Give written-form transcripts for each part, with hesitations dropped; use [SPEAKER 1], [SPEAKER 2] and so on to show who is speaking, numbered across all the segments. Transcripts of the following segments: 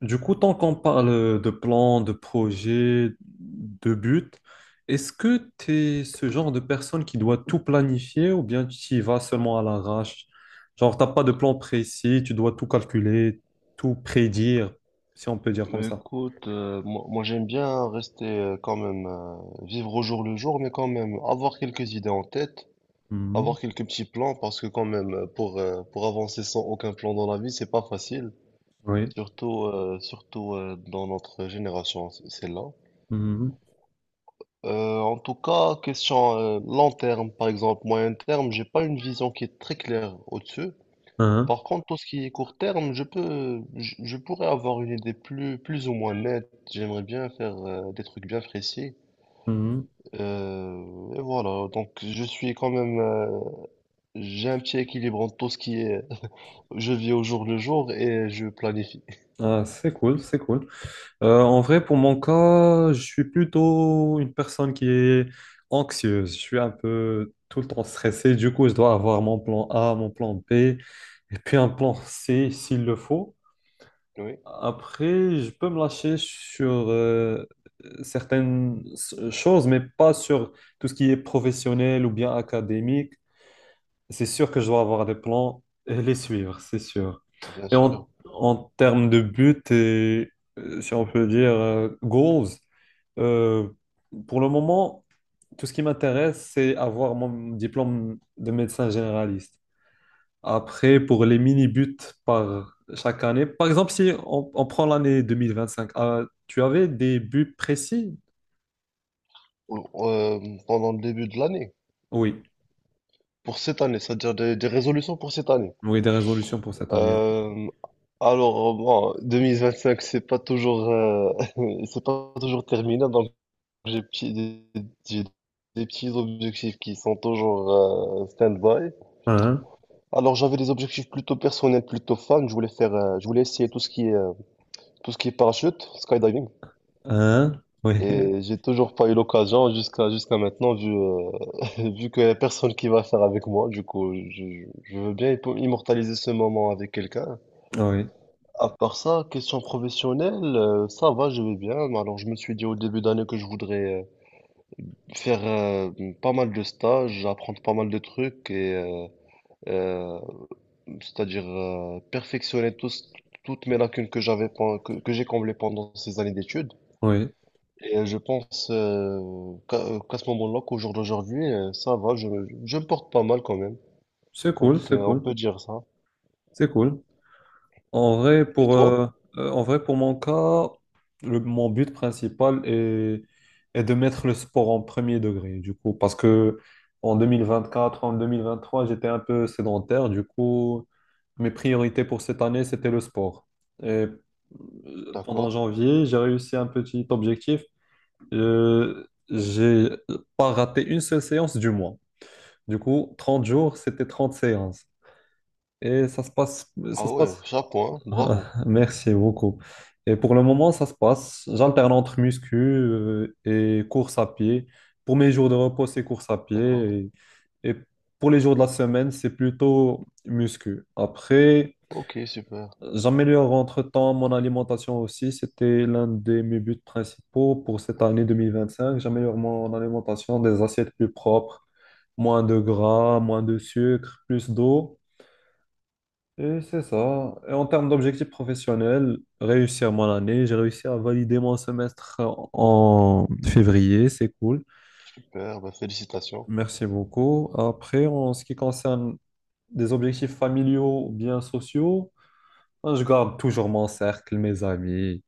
[SPEAKER 1] Du coup, tant qu'on parle de plans, de projets, de buts, est-ce que tu es ce genre de personne qui doit tout planifier ou bien tu y vas seulement à l'arrache? Genre, t'as pas de plan précis, tu dois tout calculer, tout prédire, si on peut dire comme ça.
[SPEAKER 2] Écoute, moi, j'aime bien rester quand même, vivre au jour le jour, mais quand même avoir quelques idées en tête,
[SPEAKER 1] Mhm.
[SPEAKER 2] avoir quelques petits plans, parce que quand même, pour avancer sans aucun plan dans la vie, c'est pas facile,
[SPEAKER 1] Oui.
[SPEAKER 2] surtout, dans notre génération, celle-là.
[SPEAKER 1] Mhm.
[SPEAKER 2] En tout cas, question long terme, par exemple, moyen terme, j'ai pas une vision qui est très claire au-dessus.
[SPEAKER 1] Hein.
[SPEAKER 2] Par contre, tout ce qui est court terme, je pourrais avoir une idée plus ou moins nette. J'aimerais bien faire des trucs bien précis.
[SPEAKER 1] Mhm.
[SPEAKER 2] Et voilà, donc je suis quand même, j'ai un petit équilibre entre tout ce qui est, je vis au jour le jour et je planifie.
[SPEAKER 1] Ah, c'est cool, c'est cool. En vrai, pour mon cas, je suis plutôt une personne qui est anxieuse. Je suis un peu tout le temps stressé. Du coup, je dois avoir mon plan A, mon plan B et puis un plan C s'il le faut.
[SPEAKER 2] Oui,
[SPEAKER 1] Après, je peux me lâcher sur certaines choses, mais pas sur tout ce qui est professionnel ou bien académique. C'est sûr que je dois avoir des plans et les suivre, c'est sûr.
[SPEAKER 2] bien
[SPEAKER 1] Et
[SPEAKER 2] sûr.
[SPEAKER 1] en termes de but et, si on peut dire, goals. Euh, pour le moment, tout ce qui m'intéresse, c'est avoir mon diplôme de médecin généraliste. Après, pour les mini-buts par chaque année, par exemple, si on prend l'année 2025, tu avais des buts précis?
[SPEAKER 2] Ou- euh, Pendant le début de l'année,
[SPEAKER 1] Oui,
[SPEAKER 2] pour cette année, c'est-à-dire des résolutions pour cette année.
[SPEAKER 1] oui, des résolutions pour cette année. Oui.
[SPEAKER 2] Euh, alors, bon, 2025, c'est pas toujours, c'est pas toujours terminé, donc j'ai des petits objectifs qui sont toujours stand-by.
[SPEAKER 1] Hein?
[SPEAKER 2] Alors j'avais des objectifs plutôt personnels, plutôt fun. Je voulais essayer tout ce qui est, tout ce qui est parachute, skydiving.
[SPEAKER 1] Hein? Oui,
[SPEAKER 2] Et j'ai toujours pas eu l'occasion jusqu'à maintenant, vu, vu qu'il y a personne qui va faire avec moi. Du coup, je veux bien immortaliser ce moment avec quelqu'un.
[SPEAKER 1] oui,
[SPEAKER 2] À part ça, question professionnelle, ça va, je vais bien. Alors je me suis dit au début d'année que je voudrais faire pas mal de stages, apprendre pas mal de trucs et euh, c'est-à-dire toutes mes lacunes que que j'ai comblées pendant ces années d'études.
[SPEAKER 1] oui.
[SPEAKER 2] Et je pense qu'à ce moment-là, qu'au jour d'aujourd'hui, ça va, je me porte pas mal quand même.
[SPEAKER 1] C'est
[SPEAKER 2] Donc
[SPEAKER 1] cool, c'est
[SPEAKER 2] on
[SPEAKER 1] cool,
[SPEAKER 2] peut dire ça.
[SPEAKER 1] c'est cool. En vrai,
[SPEAKER 2] Et
[SPEAKER 1] pour, euh,
[SPEAKER 2] toi?
[SPEAKER 1] en vrai, pour mon cas, mon but principal est de mettre le sport en premier degré, du coup, parce que en 2024, en 2023, j'étais un peu sédentaire, du coup, mes priorités pour cette année, c'était le sport. Et pendant
[SPEAKER 2] D'accord.
[SPEAKER 1] janvier, j'ai réussi un petit objectif. J'ai pas raté une seule séance du mois. Du coup, 30 jours, c'était 30 séances. Et ça
[SPEAKER 2] Ah
[SPEAKER 1] se
[SPEAKER 2] ouais,
[SPEAKER 1] passe.
[SPEAKER 2] chapeau, hein,
[SPEAKER 1] Ah,
[SPEAKER 2] bravo.
[SPEAKER 1] merci beaucoup. Et pour le moment, ça se passe. J'alterne entre muscu et course à pied. Pour mes jours de repos, c'est course à
[SPEAKER 2] D'accord.
[SPEAKER 1] pied. Et pour les jours de la semaine, c'est plutôt muscu. Après,
[SPEAKER 2] Ok, super,
[SPEAKER 1] j'améliore entre-temps mon alimentation aussi. C'était l'un de mes buts principaux pour cette année 2025. J'améliore mon alimentation, des assiettes plus propres, moins de gras, moins de sucre, plus d'eau. Et c'est ça. Et en termes d'objectifs professionnels, réussir mon année, j'ai réussi à valider mon semestre en février, c'est cool.
[SPEAKER 2] super, bah, félicitations.
[SPEAKER 1] Merci beaucoup. Après, en ce qui concerne des objectifs familiaux ou bien sociaux, hein, je garde toujours mon cercle, mes amis,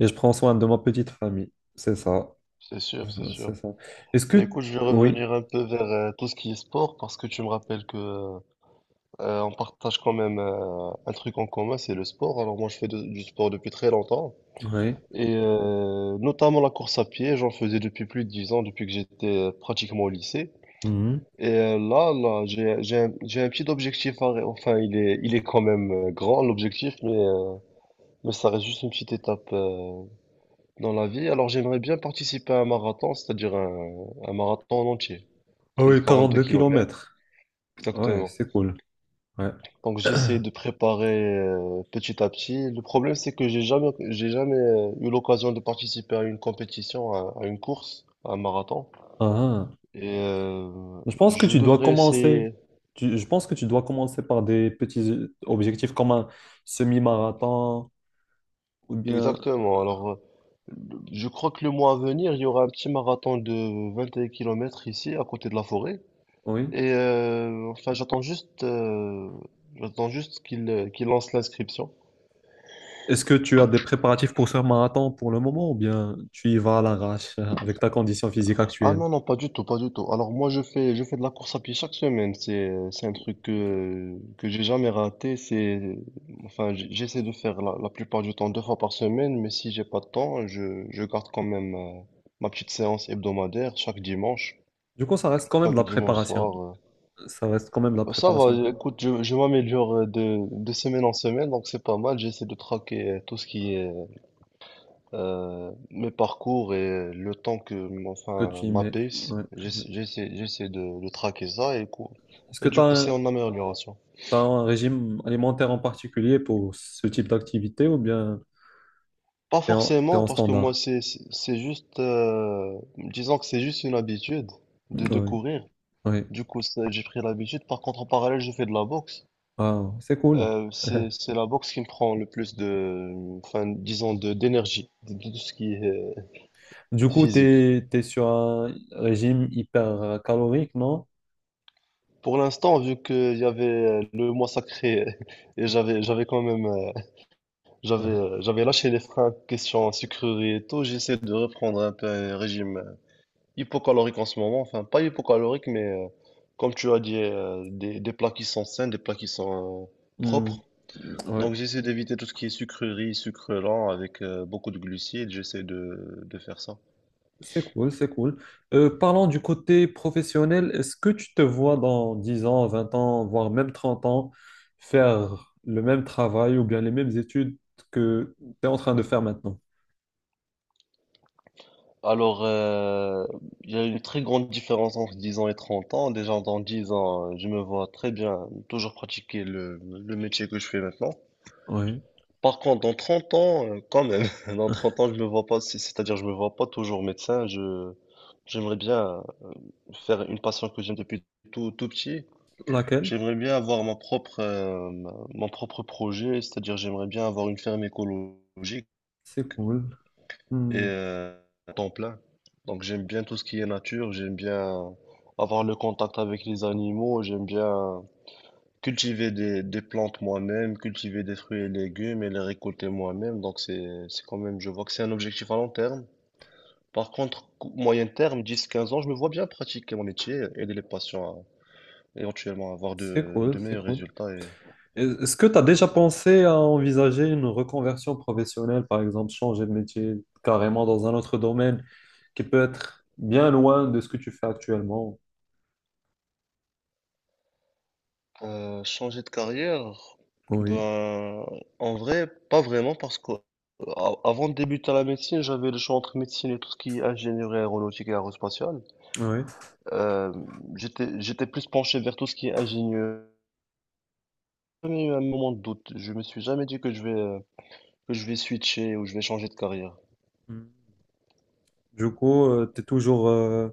[SPEAKER 1] et je prends soin de ma petite famille. C'est ça.
[SPEAKER 2] C'est sûr, c'est sûr.
[SPEAKER 1] C'est ça. Est-ce
[SPEAKER 2] Bah,
[SPEAKER 1] que...
[SPEAKER 2] écoute, je vais
[SPEAKER 1] Oui,
[SPEAKER 2] revenir un peu vers tout ce qui est sport parce que tu me rappelles que on partage quand même un truc en commun, c'est le sport. Alors moi, du sport depuis très longtemps
[SPEAKER 1] oui.
[SPEAKER 2] et notamment la course à pied. J'en faisais depuis plus de 10 ans, depuis que j'étais pratiquement au lycée.
[SPEAKER 1] Mhm.
[SPEAKER 2] Et j'ai un petit objectif. Enfin, il est quand même grand l'objectif, mais ça reste juste une petite étape dans la vie. Alors j'aimerais bien participer à un marathon, c'est-à-dire un marathon en entier,
[SPEAKER 1] Ah
[SPEAKER 2] celui de
[SPEAKER 1] oui,
[SPEAKER 2] 42
[SPEAKER 1] 42
[SPEAKER 2] kilomètres.
[SPEAKER 1] kilomètres. Ouais,
[SPEAKER 2] Exactement.
[SPEAKER 1] c'est cool. Ouais.
[SPEAKER 2] Donc j'ai essayé de préparer petit à petit. Le problème c'est que j'ai jamais eu l'occasion de participer à une compétition, à une course, à un marathon.
[SPEAKER 1] Ah, ah.
[SPEAKER 2] Et
[SPEAKER 1] Je pense que
[SPEAKER 2] je
[SPEAKER 1] tu dois
[SPEAKER 2] devrais essayer.
[SPEAKER 1] commencer. Je pense que tu dois commencer par des petits objectifs comme un semi-marathon ou bien.
[SPEAKER 2] Exactement. Alors je crois que le mois à venir, il y aura un petit marathon de 21 km ici, à côté de la forêt.
[SPEAKER 1] Oui.
[SPEAKER 2] Enfin, j'attends juste qu'il lance l'inscription.
[SPEAKER 1] Est-ce que tu as des préparatifs pour ce marathon pour le moment ou bien tu y vas à l'arrache avec ta condition physique
[SPEAKER 2] Ah
[SPEAKER 1] actuelle?
[SPEAKER 2] non, non, pas du tout, pas du tout. Alors moi, je fais de la course à pied chaque semaine. C'est, que j'ai jamais raté. C'est, enfin, j'essaie de faire la plupart du temps deux fois par semaine, mais si j'ai pas de temps, je garde quand même ma petite séance hebdomadaire
[SPEAKER 1] Du coup, ça reste quand même de
[SPEAKER 2] chaque
[SPEAKER 1] la
[SPEAKER 2] dimanche
[SPEAKER 1] préparation.
[SPEAKER 2] soir.
[SPEAKER 1] Ça reste quand même de la
[SPEAKER 2] Ça
[SPEAKER 1] préparation
[SPEAKER 2] va, écoute, je m'améliore de semaine en semaine, donc c'est pas mal. J'essaie de traquer tout ce qui est mes parcours et le temps que,
[SPEAKER 1] que
[SPEAKER 2] enfin,
[SPEAKER 1] tu y
[SPEAKER 2] ma
[SPEAKER 1] mets.
[SPEAKER 2] pace,
[SPEAKER 1] Ouais. Ouais.
[SPEAKER 2] j'essaie de traquer ça
[SPEAKER 1] Est-ce
[SPEAKER 2] et
[SPEAKER 1] que tu
[SPEAKER 2] du
[SPEAKER 1] as,
[SPEAKER 2] coup, c'est
[SPEAKER 1] un
[SPEAKER 2] en amélioration.
[SPEAKER 1] t'as un régime alimentaire en particulier pour ce type d'activité ou bien
[SPEAKER 2] Pas
[SPEAKER 1] t'es
[SPEAKER 2] forcément,
[SPEAKER 1] en
[SPEAKER 2] parce que moi,
[SPEAKER 1] standard?
[SPEAKER 2] c'est juste, disons que c'est juste une habitude de
[SPEAKER 1] Oui.
[SPEAKER 2] courir.
[SPEAKER 1] Oui.
[SPEAKER 2] Du coup, ça, j'ai pris l'habitude. Par contre, en parallèle, je fais de la boxe.
[SPEAKER 1] Ah, c'est cool.
[SPEAKER 2] C'est c'est la boxe qui me prend le plus enfin, disons, de d'énergie, de tout ce qui est
[SPEAKER 1] Du coup,
[SPEAKER 2] physique.
[SPEAKER 1] t'es sur un régime hyper calorique, non?
[SPEAKER 2] Pour l'instant, vu qu'il y avait le mois sacré et j'avais quand même j'avais lâché les freins question sucrerie et tout, j'essaie de reprendre un peu un régime hypocalorique en ce moment. Enfin, pas hypocalorique, mais comme tu as dit, des plats qui sont sains, des plats qui sont
[SPEAKER 1] Hmm.
[SPEAKER 2] propres.
[SPEAKER 1] Ouais,
[SPEAKER 2] Donc j'essaie d'éviter tout ce qui est sucrerie, sucre lent avec beaucoup de glucides. J'essaie de faire ça.
[SPEAKER 1] c'est cool, c'est cool. Parlons du côté professionnel, est-ce que tu te vois dans 10 ans, 20 ans, voire même 30 ans, faire le même travail ou bien les mêmes études que tu es en train de faire maintenant?
[SPEAKER 2] Alors, il y a une très grande différence entre 10 ans et 30 ans. Déjà, dans 10 ans, je me vois très bien toujours pratiquer le métier que je fais maintenant.
[SPEAKER 1] Oui.
[SPEAKER 2] Par contre, dans 30 ans, quand même, dans 30 ans, je me vois pas, c'est-à-dire, je me vois pas toujours médecin. J'aimerais bien faire une passion que j'aime depuis tout petit.
[SPEAKER 1] Laquelle?
[SPEAKER 2] J'aimerais bien avoir mon propre, mon propre projet, c'est-à-dire, j'aimerais bien avoir une ferme écologique.
[SPEAKER 1] C'est cool.
[SPEAKER 2] et
[SPEAKER 1] Hmm.
[SPEAKER 2] euh, temps plein. Donc j'aime bien tout ce qui est nature, j'aime bien avoir le contact avec les animaux, j'aime bien cultiver des plantes moi-même, cultiver des fruits et légumes et les récolter moi-même. Donc c'est quand même, je vois que c'est un objectif à long terme. Par contre, moyen terme, dix quinze ans, je me vois bien pratiquer mon métier, aider les patients à éventuellement avoir
[SPEAKER 1] C'est
[SPEAKER 2] de
[SPEAKER 1] cool, c'est
[SPEAKER 2] meilleurs
[SPEAKER 1] cool.
[SPEAKER 2] résultats.
[SPEAKER 1] Est-ce que tu as déjà pensé à envisager une reconversion professionnelle, par exemple, changer de métier carrément dans un autre domaine qui peut être bien loin de ce que tu fais actuellement?
[SPEAKER 2] Changer de carrière,
[SPEAKER 1] Oui,
[SPEAKER 2] ben, en vrai, pas vraiment, parce que avant de débuter la médecine, j'avais le choix entre médecine et tout ce qui est ingénierie aéronautique et aérospatiale.
[SPEAKER 1] oui.
[SPEAKER 2] Euh, J'étais plus penché vers tout ce qui est ingénieur. J'ai jamais eu un moment de doute. Je me suis jamais dit que je vais switcher ou je vais changer de carrière.
[SPEAKER 1] Mm. Du coup,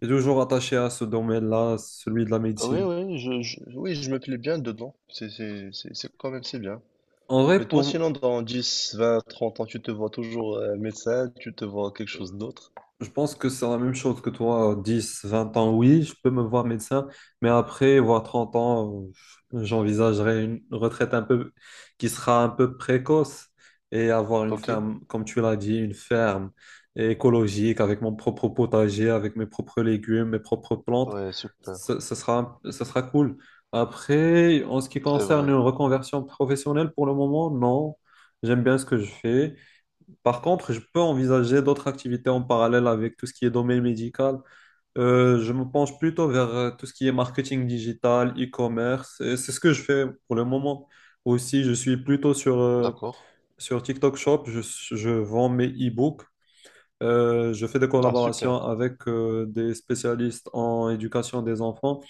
[SPEAKER 1] t'es toujours attaché à ce domaine-là, celui de la
[SPEAKER 2] Oui,
[SPEAKER 1] médecine.
[SPEAKER 2] oui, oui, je me plais bien dedans. C'est quand même, c'est bien.
[SPEAKER 1] En
[SPEAKER 2] Et
[SPEAKER 1] vrai,
[SPEAKER 2] toi,
[SPEAKER 1] pour,
[SPEAKER 2] sinon, dans 10 20 30 ans, tu te vois toujours médecin, tu te vois quelque chose d'autre?
[SPEAKER 1] Je pense que c'est la même chose que toi. 10, 20 ans, oui, je peux me voir médecin, mais après, voire 30 ans, j'envisagerai une retraite un peu qui sera un peu précoce et avoir une
[SPEAKER 2] Ok.
[SPEAKER 1] ferme, comme tu l'as dit, une ferme écologique avec mon propre potager, avec mes propres légumes, mes propres plantes.
[SPEAKER 2] Ouais, super,
[SPEAKER 1] Ce sera cool. Après, en ce qui
[SPEAKER 2] c'est
[SPEAKER 1] concerne
[SPEAKER 2] vrai.
[SPEAKER 1] une reconversion professionnelle, pour le moment, non. J'aime bien ce que je fais. Par contre, je peux envisager d'autres activités en parallèle avec tout ce qui est domaine médical. Je me penche plutôt vers tout ce qui est marketing digital, e-commerce. Et c'est ce que je fais pour le moment. Aussi, je suis plutôt sur,
[SPEAKER 2] D'accord.
[SPEAKER 1] sur TikTok Shop. Je vends mes e-books. Je fais des
[SPEAKER 2] Ah, super.
[SPEAKER 1] collaborations avec des spécialistes en éducation des enfants.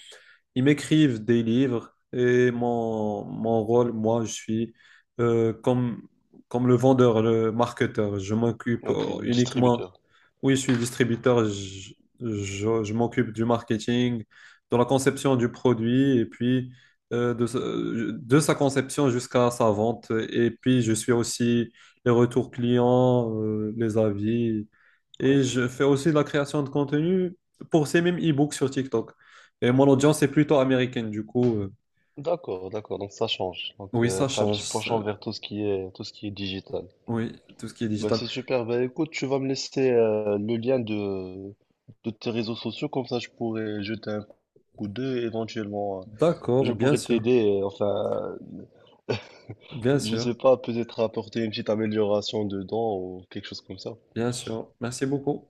[SPEAKER 1] Ils m'écrivent des livres et mon rôle, moi, je suis comme, comme le vendeur, le marketeur. Je m'occupe
[SPEAKER 2] Donc, le
[SPEAKER 1] uniquement,
[SPEAKER 2] distributeur.
[SPEAKER 1] oui, je suis distributeur, je m'occupe du marketing, de la conception du produit et puis de sa conception jusqu'à sa vente. Et puis, je suis aussi les retours clients, les avis.
[SPEAKER 2] Oui.
[SPEAKER 1] Et je fais aussi de la création de contenu pour ces mêmes e-books sur TikTok. Et mon audience est plutôt américaine, du coup,
[SPEAKER 2] D'accord, d'accord. Donc, ça change. Donc,
[SPEAKER 1] oui, ça
[SPEAKER 2] t'as un
[SPEAKER 1] change.
[SPEAKER 2] petit penchant vers tout ce qui est digital.
[SPEAKER 1] Oui, tout ce qui est
[SPEAKER 2] Bah,
[SPEAKER 1] digital.
[SPEAKER 2] c'est super. Bah, écoute, tu vas me laisser le lien de tes réseaux sociaux. Comme ça, je pourrais jeter un coup d'œil. Éventuellement, je
[SPEAKER 1] D'accord, bien
[SPEAKER 2] pourrais
[SPEAKER 1] sûr,
[SPEAKER 2] t'aider. Enfin,
[SPEAKER 1] bien
[SPEAKER 2] je sais
[SPEAKER 1] sûr,
[SPEAKER 2] pas, peut-être apporter une petite amélioration dedans ou quelque chose comme ça.
[SPEAKER 1] bien sûr. Merci beaucoup.